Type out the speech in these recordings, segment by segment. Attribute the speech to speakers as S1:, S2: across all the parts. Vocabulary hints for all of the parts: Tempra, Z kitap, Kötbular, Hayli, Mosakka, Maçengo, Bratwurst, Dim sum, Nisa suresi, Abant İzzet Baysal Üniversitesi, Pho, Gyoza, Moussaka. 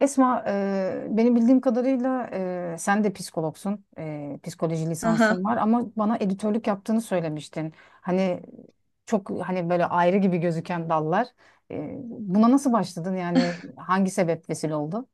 S1: Esma, beni bildiğim kadarıyla sen de psikologsun, psikoloji
S2: Aha.
S1: lisansın var ama bana editörlük yaptığını söylemiştin. Hani çok hani böyle ayrı gibi gözüken dallar. Buna nasıl başladın, yani hangi sebep vesile oldu?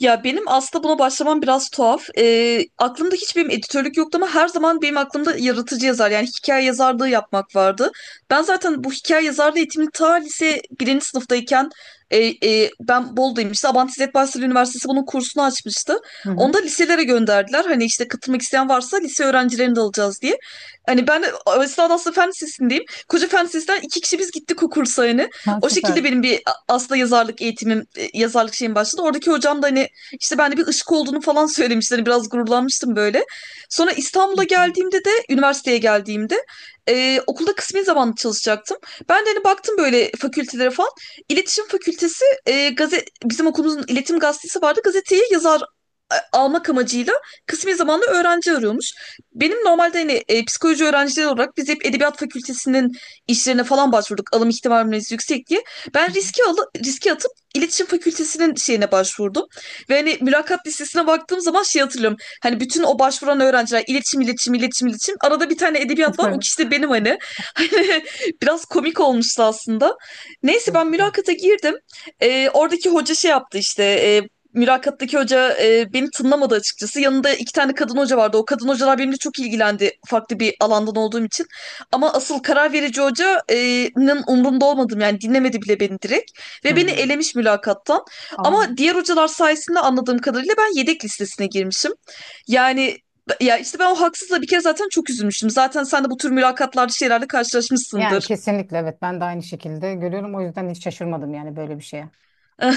S2: Ya benim aslında buna başlamam biraz tuhaf. Aklımda hiç benim editörlük yoktu ama her zaman benim aklımda yaratıcı yazar yani hikaye yazarlığı yapmak vardı. Ben zaten bu hikaye yazarlığı eğitimini ta lise birinci sınıftayken ben Bolu'dayım işte Abant İzzet Baysal Üniversitesi bunun kursunu açmıştı.
S1: Hı
S2: Onu
S1: hı.
S2: da liselere gönderdiler. Hani işte katılmak isteyen varsa lise öğrencilerini de alacağız diye. Hani ben de aslında fen lisesindeyim. Koca fen lisesinden iki kişi biz gittik o kursa hani.
S1: Ha,
S2: O
S1: süper.
S2: şekilde benim bir aslında yazarlık eğitimim, yazarlık şeyim başladı. Oradaki hocam da hani işte ben de bir ışık olduğunu falan söylemişler. Biraz gururlanmıştım böyle. Sonra İstanbul'a geldiğimde de üniversiteye geldiğimde okulda kısmi zamanlı çalışacaktım. Ben de hani baktım böyle fakültelere falan. İletişim Fakültesi gazet bizim okulumuzun iletişim gazetesi vardı. Gazeteyi yazar almak amacıyla kısmi zamanlı öğrenci arıyormuş. Benim normalde hani psikoloji öğrencileri olarak biz hep edebiyat fakültesinin işlerine falan başvurduk. Alım ihtimalimiz yüksek diye.
S1: Hı
S2: Ben
S1: hı.
S2: riski atıp iletişim fakültesinin şeyine başvurdum. Ve hani mülakat listesine baktığım zaman şey hatırlıyorum. Hani bütün o başvuran öğrenciler iletişim, iletişim, iletişim, iletişim. Arada bir tane edebiyat var. O
S1: Psikoloji.
S2: kişi de benim hani. Hani biraz komik olmuştu aslında. Neyse ben
S1: Çok güzel.
S2: mülakata girdim. Oradaki hoca şey yaptı işte. Mülakattaki hoca beni tınlamadı açıkçası. Yanında iki tane kadın hoca vardı. O kadın hocalar benimle çok ilgilendi farklı bir alandan olduğum için. Ama asıl karar verici hocanın umrunda olmadım yani dinlemedi bile beni direkt.
S1: Hı
S2: Ve beni
S1: hı.
S2: elemiş mülakattan.
S1: Aa.
S2: Ama diğer hocalar sayesinde anladığım kadarıyla ben yedek listesine girmişim. Yani ya işte ben o haksızla bir kere zaten çok üzülmüştüm. Zaten sen de bu tür mülakatlarda şeylerle
S1: Yani
S2: karşılaşmışsındır.
S1: kesinlikle evet, ben de aynı şekilde görüyorum. O yüzden hiç şaşırmadım yani böyle bir şeye.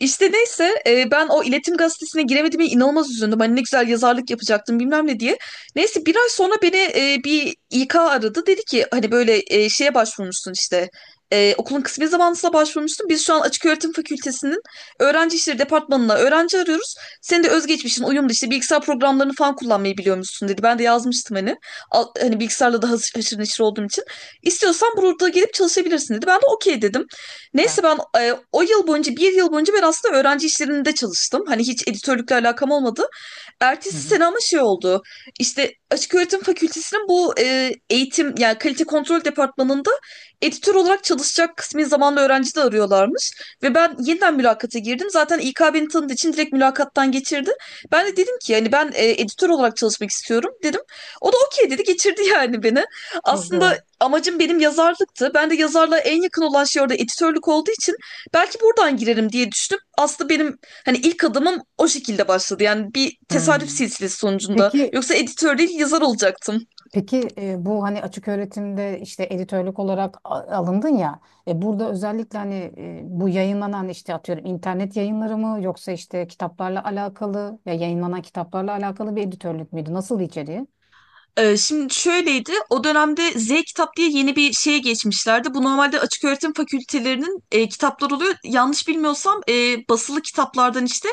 S2: İşte neyse ben o iletişim gazetesine giremediğime inanılmaz üzüldüm. Hani ne güzel yazarlık yapacaktım bilmem ne diye. Neyse bir ay sonra beni bir İK aradı. Dedi ki hani böyle şeye başvurmuşsun işte. Okulun kısmi zamanlısına başvurmuşsun. Biz şu an Açık Öğretim Fakültesi'nin öğrenci işleri departmanına öğrenci arıyoruz. Senin de özgeçmişin uyumlu işte bilgisayar programlarını falan kullanmayı biliyormuşsun dedi. Ben de yazmıştım hani. Hani bilgisayarla da haşır haşır neşir olduğum için. İstiyorsan burada gelip çalışabilirsin dedi. Ben de okey dedim.
S1: Bak.
S2: Neyse ben o yıl boyunca bir yıl boyunca ben aslında öğrenci işlerinde çalıştım. Hani hiç editörlükle alakam olmadı.
S1: Hı
S2: Ertesi
S1: hı.
S2: sene ama şey oldu. İşte Açık Öğretim Fakültesinin bu eğitim yani kalite kontrol departmanında editör olarak çalışacak kısmi zamanlı öğrenci de arıyorlarmış. Ve ben yeniden mülakata girdim. Zaten İK beni tanıdığı için direkt mülakattan geçirdi. Ben de dedim ki yani ben editör olarak çalışmak istiyorum dedim. O da okey dedi geçirdi yani beni.
S1: Çok güzel.
S2: Aslında amacım benim yazarlıktı. Ben de yazarlığa en yakın olan şey orada editörlük olduğu için belki buradan girerim diye düşündüm. Aslında benim hani ilk adımım o şekilde başladı. Yani bir
S1: Hı.
S2: tesadüf silsilesi sonucunda.
S1: Peki
S2: Yoksa editör değil yazar olacaktım.
S1: Peki bu hani açık öğretimde işte editörlük olarak alındın ya, burada özellikle bu yayınlanan işte atıyorum internet yayınları mı, yoksa işte kitaplarla alakalı, ya yayınlanan kitaplarla alakalı bir editörlük müydü? Nasıl içeriği?
S2: Şimdi şöyleydi, o dönemde Z kitap diye yeni bir şeye geçmişlerdi. Bu normalde açık öğretim fakültelerinin kitapları oluyor. Yanlış bilmiyorsam basılı kitaplardan işte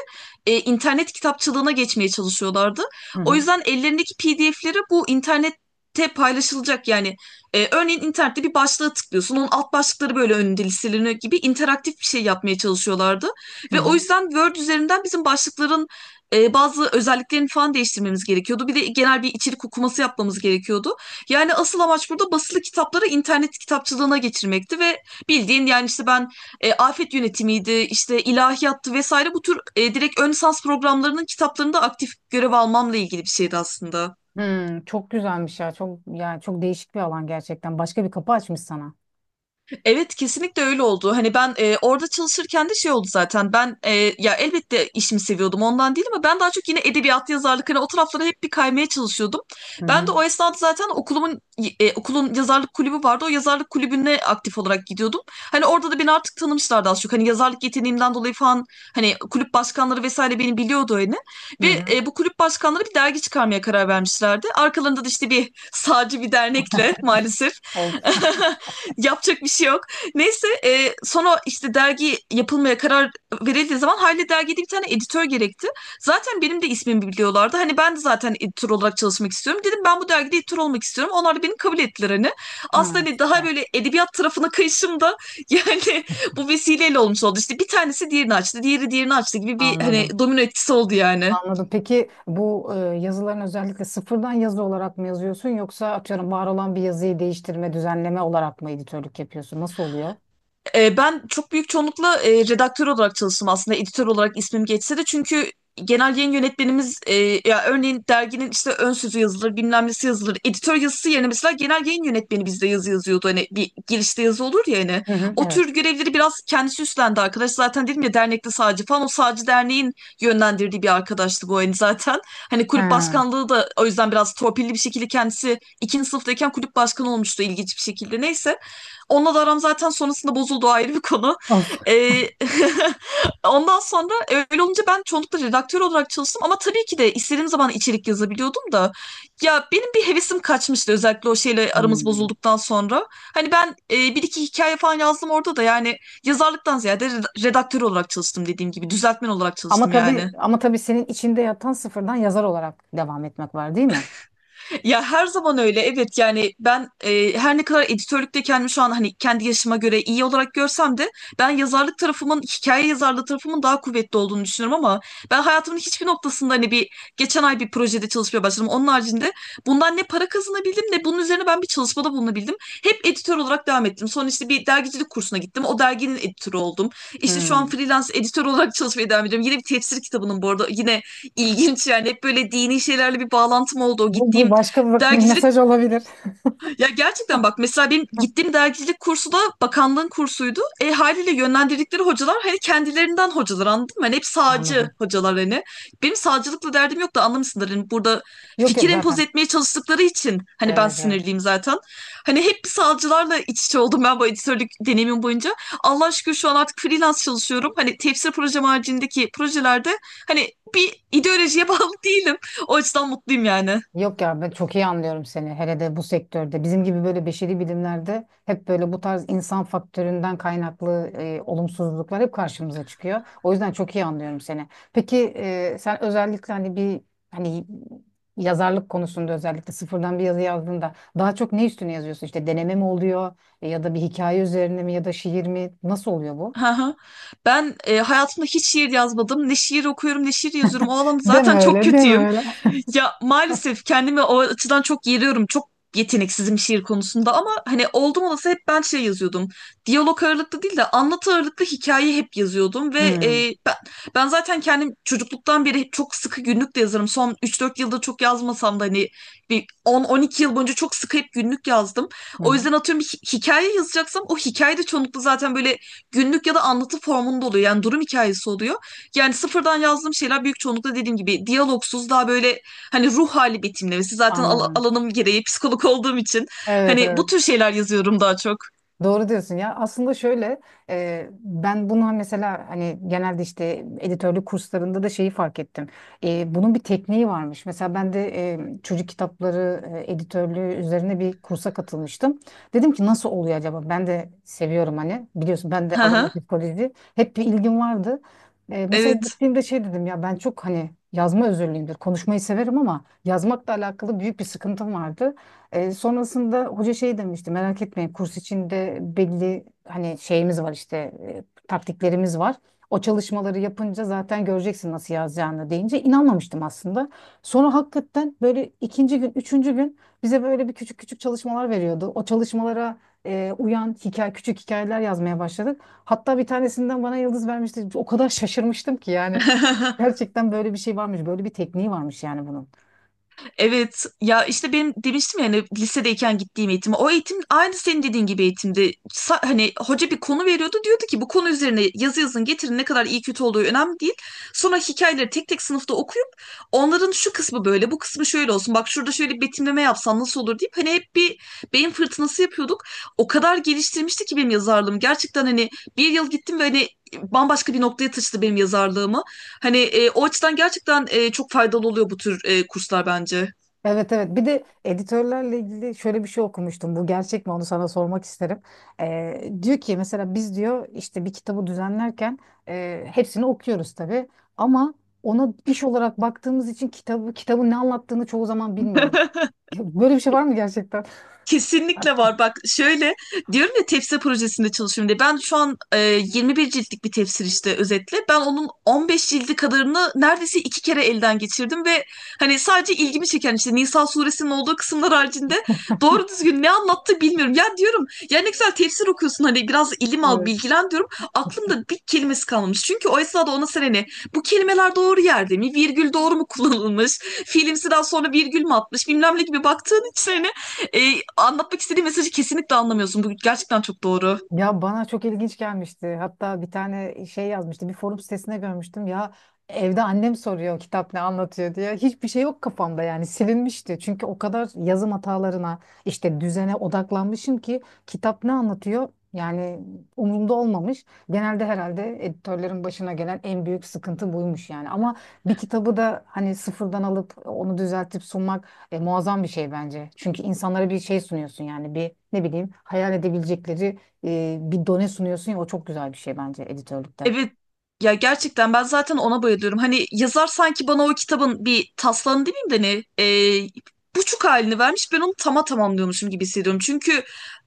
S2: internet kitapçılığına geçmeye çalışıyorlardı.
S1: Hı
S2: O
S1: hı.
S2: yüzden ellerindeki PDF'leri bu internette paylaşılacak yani. Örneğin internette bir başlığa tıklıyorsun, onun alt başlıkları böyle önünde listeleniyor gibi interaktif bir şey yapmaya çalışıyorlardı.
S1: Hı
S2: Ve o
S1: hı.
S2: yüzden Word üzerinden bizim başlıkların bazı özelliklerini falan değiştirmemiz gerekiyordu. Bir de genel bir içerik okuması yapmamız gerekiyordu. Yani asıl amaç burada basılı kitapları internet kitapçılığına geçirmekti ve bildiğin yani işte ben afet yönetimiydi, işte ilahiyattı vesaire bu tür direkt ön lisans programlarının kitaplarında aktif görev almamla ilgili bir şeydi aslında.
S1: Hmm, çok güzelmiş ya. Çok yani çok değişik bir alan gerçekten. Başka bir kapı açmış sana.
S2: Evet kesinlikle öyle oldu. Hani ben orada çalışırken de şey oldu zaten. Ben ya elbette işimi seviyordum ondan değil ama ben daha çok yine edebiyat, yazarlık hani o taraflara hep bir kaymaya çalışıyordum.
S1: Hı
S2: Ben de
S1: hı.
S2: o esnada zaten okulun yazarlık kulübü vardı. O yazarlık kulübüne aktif olarak gidiyordum. Hani orada da beni artık tanımışlardı az çok. Hani yazarlık yeteneğimden dolayı falan hani kulüp başkanları vesaire beni biliyordu hani.
S1: Hı
S2: Ve
S1: hı.
S2: bu kulüp başkanları bir dergi çıkarmaya karar vermişlerdi. Arkalarında da işte bir sağcı bir dernekle maalesef
S1: Oldu.
S2: yapacak bir şey yok. Neyse sonra işte dergi yapılmaya karar verildiği zaman hayli dergide bir tane editör gerekti. Zaten benim de ismimi biliyorlardı. Hani ben de zaten editör olarak çalışmak istiyorum. Dedim ben bu dergide editör olmak istiyorum. Onlar da beni kabul ettiler hani.
S1: Ha,
S2: Aslında hani daha
S1: süper.
S2: böyle edebiyat tarafına kayışım da yani bu vesileyle olmuş oldu. İşte bir tanesi diğerini açtı, diğeri diğerini açtı gibi bir hani
S1: Anladım.
S2: domino etkisi oldu yani.
S1: Anladım. Peki bu yazıların özellikle sıfırdan yazı olarak mı yazıyorsun, yoksa atıyorum var olan bir yazıyı değiştirme, düzenleme olarak mı editörlük yapıyorsun? Nasıl oluyor?
S2: Ben çok büyük çoğunlukla redaktör olarak çalıştım aslında editör olarak ismim geçse de çünkü genel yayın yönetmenimiz ya örneğin derginin işte ön sözü yazılır bilmem nesi yazılır editör yazısı yerine mesela genel yayın yönetmeni bizde yazı yazıyordu hani bir girişte yazı olur ya hani
S1: Hı hı,
S2: o
S1: evet.
S2: tür görevleri biraz kendisi üstlendi arkadaş zaten dedim ya dernekte sağcı falan o sağcı derneğin yönlendirdiği bir arkadaştı bu hani zaten hani kulüp
S1: Ha.
S2: başkanlığı da o yüzden biraz torpilli bir şekilde kendisi ikinci sınıftayken kulüp başkanı olmuştu ilginç bir şekilde neyse. Onunla da aram zaten sonrasında bozuldu ayrı bir konu.
S1: Of.
S2: Ee, ondan sonra öyle olunca ben çoğunlukla redaktör olarak çalıştım ama tabii ki de istediğim zaman içerik yazabiliyordum da ya benim bir hevesim kaçmıştı özellikle o şeyle aramız
S1: Hmm.
S2: bozulduktan sonra. Hani ben bir iki hikaye falan yazdım orada da yani yazarlıktan ziyade redaktör olarak çalıştım dediğim gibi düzeltmen olarak
S1: Ama
S2: çalıştım yani.
S1: tabii, ama tabii senin içinde yatan sıfırdan yazar olarak devam etmek var, değil mi?
S2: Ya her zaman öyle evet yani ben her ne kadar editörlükte kendimi şu an hani kendi yaşıma göre iyi olarak görsem de ben yazarlık tarafımın hikaye yazarlığı tarafımın daha kuvvetli olduğunu düşünüyorum ama ben hayatımın hiçbir noktasında hani bir geçen ay bir projede çalışmaya başladım. Onun haricinde bundan ne para kazanabildim ne bunun üzerine ben bir çalışmada bulunabildim. Hep editör olarak devam ettim. Sonra işte bir dergicilik kursuna gittim. O derginin editörü oldum. İşte şu an
S1: Hmm.
S2: freelance editör olarak çalışmaya devam ediyorum. Yine bir tefsir kitabının bu arada yine ilginç yani hep böyle dini şeylerle bir bağlantım oldu. O
S1: Bu, bu
S2: gittiğim
S1: başka bir bir
S2: dergicilik
S1: mesaj olabilir.
S2: ya gerçekten bak mesela benim gittiğim dergicilik kursu da bakanlığın kursuydu. E haliyle yönlendirdikleri hocalar hani kendilerinden hocalar anladın mı? Hani hep sağcı
S1: Anladım.
S2: hocalar hani. Benim sağcılıkla derdim yok da anlamışsındır. Hani burada
S1: Yok yok
S2: fikir empoze
S1: zaten.
S2: etmeye çalıştıkları için hani ben
S1: Evet evet.
S2: sinirliyim zaten. Hani hep sağcılarla iç içe oldum ben bu editörlük deneyimim boyunca. Allah şükür şu an artık freelance çalışıyorum. Hani tefsir projem haricindeki projelerde hani bir ideolojiye bağlı değilim. O açıdan mutluyum yani.
S1: Yok ya, ben çok iyi anlıyorum seni. Hele de bu sektörde. Bizim gibi böyle beşeri bilimlerde hep böyle bu tarz insan faktöründen kaynaklı olumsuzluklar hep karşımıza çıkıyor. O yüzden çok iyi anlıyorum seni. Peki sen özellikle hani bir hani yazarlık konusunda özellikle sıfırdan bir yazı yazdığında daha çok ne üstüne yazıyorsun? İşte deneme mi oluyor, ya da bir hikaye üzerine mi, ya da şiir mi? Nasıl oluyor bu?
S2: Hı hı. Ben hayatımda hiç şiir yazmadım. Ne şiir okuyorum ne şiir yazıyorum. O alanda
S1: Deme
S2: zaten çok
S1: öyle, deme
S2: kötüyüm.
S1: öyle.
S2: Ya maalesef kendimi o açıdan çok yeriyorum. Çok yeteneksizim şiir konusunda ama hani oldum olası hep ben şey yazıyordum. Diyalog ağırlıklı değil de anlatı ağırlıklı hikaye hep yazıyordum ve
S1: Hmm,
S2: ben zaten kendim çocukluktan beri hep çok sıkı günlük de yazarım. Son üç dört yılda çok yazmasam da hani bir on on iki yıl boyunca çok sıkı hep günlük yazdım.
S1: hı
S2: O
S1: hı,
S2: yüzden atıyorum bir hikaye yazacaksam o hikaye de çoğunlukla zaten böyle günlük ya da anlatı formunda oluyor. Yani durum hikayesi oluyor. Yani sıfırdan yazdığım şeyler büyük çoğunlukla dediğim gibi diyalogsuz daha böyle hani ruh hali betimlemesi. Zaten
S1: anladım.
S2: alanım gereği psikolog olduğum için
S1: Evet
S2: hani
S1: evet.
S2: bu tür şeyler yazıyorum daha çok.
S1: Doğru diyorsun ya. Aslında şöyle, ben bunu hani, mesela hani genelde işte editörlük kurslarında da şeyi fark ettim. Bunun bir tekniği varmış. Mesela ben de çocuk kitapları editörlüğü üzerine bir kursa katılmıştım. Dedim ki nasıl oluyor acaba? Ben de seviyorum hani. Biliyorsun, ben de
S2: Hı
S1: alanım
S2: hı.
S1: psikoloji. Hep bir ilgim vardı. Mesela
S2: Evet.
S1: gittiğimde şey dedim ya, ben çok hani yazma özürlüyümdür. Konuşmayı severim ama yazmakla alakalı büyük bir sıkıntım vardı. Sonrasında hoca şey demişti, merak etmeyin, kurs içinde belli hani şeyimiz var, işte taktiklerimiz var. O çalışmaları yapınca zaten göreceksin nasıl yazacağını, deyince inanmamıştım aslında. Sonra hakikaten böyle ikinci gün, üçüncü gün bize böyle bir küçük çalışmalar veriyordu. O çalışmalara uyan hikaye, küçük hikayeler yazmaya başladık. Hatta bir tanesinden bana yıldız vermişti. O kadar şaşırmıştım ki, yani gerçekten böyle bir şey varmış, böyle bir tekniği varmış yani bunun.
S2: Evet ya işte benim demiştim yani hani lisedeyken gittiğim eğitim o eğitim aynı senin dediğin gibi eğitimdi. Hani hoca bir konu veriyordu diyordu ki bu konu üzerine yazı yazın getirin ne kadar iyi kötü olduğu önemli değil. Sonra hikayeleri tek tek sınıfta okuyup onların şu kısmı böyle bu kısmı şöyle olsun bak şurada şöyle bir betimleme yapsan nasıl olur deyip hani hep bir beyin fırtınası yapıyorduk. O kadar geliştirmişti ki benim yazarlığım gerçekten hani bir yıl gittim ve hani bambaşka bir noktaya taşıdı benim yazarlığımı. Hani o açıdan gerçekten çok faydalı oluyor bu tür kurslar bence.
S1: Evet evet, bir de editörlerle ilgili şöyle bir şey okumuştum, bu gerçek mi onu sana sormak isterim. Diyor ki mesela, biz diyor işte bir kitabı düzenlerken hepsini okuyoruz tabii, ama ona iş olarak baktığımız için kitabı, kitabın ne anlattığını çoğu zaman bilmiyorum. Ya böyle bir şey var mı gerçekten?
S2: Kesinlikle var. Bak şöyle diyorum ya tefsir projesinde çalışıyorum diye. Ben şu an 21 ciltlik bir tefsir işte özetle. Ben onun 15 cildi kadarını neredeyse iki kere elden geçirdim ve hani sadece ilgimi çeken işte Nisa suresinin olduğu kısımlar haricinde doğru düzgün ne anlattı bilmiyorum. Ya diyorum ya ne güzel tefsir okuyorsun hani biraz ilim al
S1: Evet.
S2: bilgilen diyorum. Aklımda bir kelimesi kalmamış. Çünkü o esnada ona sen hani bu kelimeler doğru yerde mi? Virgül doğru mu kullanılmış? Fiilimsi daha sonra virgül mü atmış? Bilmem ne gibi baktığın için hani anlatmak istediğim mesajı kesinlikle anlamıyorsun. Bu gerçekten çok doğru.
S1: Ya bana çok ilginç gelmişti. Hatta bir tane şey yazmıştı. Bir forum sitesinde görmüştüm. Ya evde annem soruyor, kitap ne anlatıyor diye. Hiçbir şey yok kafamda, yani silinmişti. Çünkü o kadar yazım hatalarına, işte düzene odaklanmışım ki kitap ne anlatıyor yani umurumda olmamış. Genelde herhalde editörlerin başına gelen en büyük sıkıntı buymuş yani. Ama bir kitabı da hani sıfırdan alıp onu düzeltip sunmak muazzam bir şey bence. Çünkü insanlara bir şey sunuyorsun, yani bir, ne bileyim, hayal edebilecekleri bir done sunuyorsun ya, o çok güzel bir şey bence editörlükte.
S2: Evet ya gerçekten ben zaten ona bayılıyorum. Hani yazar sanki bana o kitabın bir taslağını demeyeyim de ne e, buçuk halini vermiş ben onu tamamlıyormuşum gibi hissediyorum. Çünkü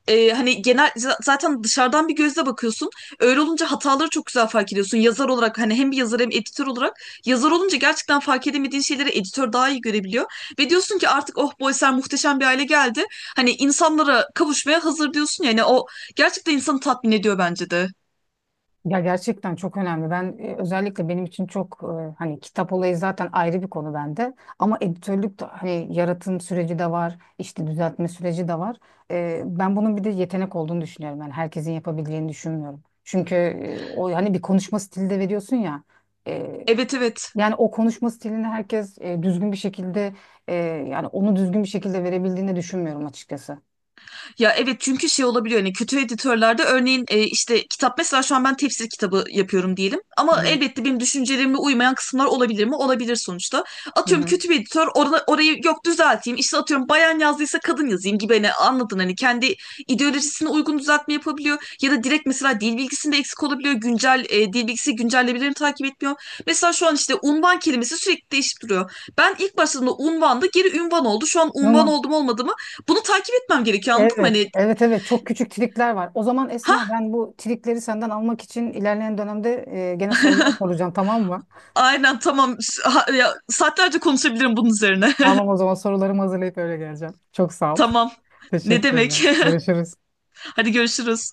S2: hani genel zaten dışarıdan bir gözle bakıyorsun. Öyle olunca hataları çok güzel fark ediyorsun. Yazar olarak hani hem bir yazar hem editör olarak yazar olunca gerçekten fark edemediğin şeyleri editör daha iyi görebiliyor. Ve diyorsun ki artık oh bu eser muhteşem bir hale geldi. Hani insanlara kavuşmaya hazır diyorsun ya, yani o gerçekten insanı tatmin ediyor bence de.
S1: Ya gerçekten çok önemli. Ben özellikle benim için çok hani kitap olayı zaten ayrı bir konu bende. Ama editörlük de hani, yaratım süreci de var, işte düzeltme süreci de var. Ben bunun bir de yetenek olduğunu düşünüyorum. Yani herkesin yapabileceğini düşünmüyorum. Çünkü o hani bir konuşma stili de veriyorsun ya. e,
S2: Evet evet.
S1: Yani o konuşma stilini herkes düzgün bir şekilde, e, yani onu düzgün bir şekilde verebildiğini düşünmüyorum açıkçası.
S2: Ya evet çünkü şey olabiliyor hani kötü editörlerde örneğin işte kitap mesela şu an ben tefsir kitabı yapıyorum diyelim
S1: Hı
S2: ama
S1: hı.
S2: elbette benim düşüncelerime uymayan kısımlar olabilir mi? Olabilir sonuçta.
S1: Hı
S2: Atıyorum
S1: hı.
S2: kötü bir editör orada, orayı yok düzelteyim işte atıyorum bayan yazdıysa kadın yazayım gibi hani anladın hani kendi ideolojisine uygun düzeltme yapabiliyor ya da direkt mesela dil bilgisinde eksik olabiliyor güncel dil bilgisi güncellemelerini takip etmiyor. Mesela şu an işte unvan kelimesi sürekli değişip duruyor. Ben ilk başladığımda unvandı geri ünvan oldu şu an unvan
S1: Ama
S2: oldum olmadım bunu takip etmem gerekiyor anladın mı?
S1: evet,
S2: Hani
S1: evet, evet. Çok küçük trikler var. O zaman Esma,
S2: ha
S1: ben bu trikleri senden almak için ilerleyen dönemde gene sorular soracağım, tamam mı?
S2: aynen tamam. Ha, ya, saatlerce konuşabilirim bunun üzerine.
S1: Tamam, o zaman sorularımı hazırlayıp öyle geleceğim. Çok sağ ol.
S2: Tamam ne
S1: Teşekkürler.
S2: demek?
S1: Görüşürüz.
S2: Hadi görüşürüz.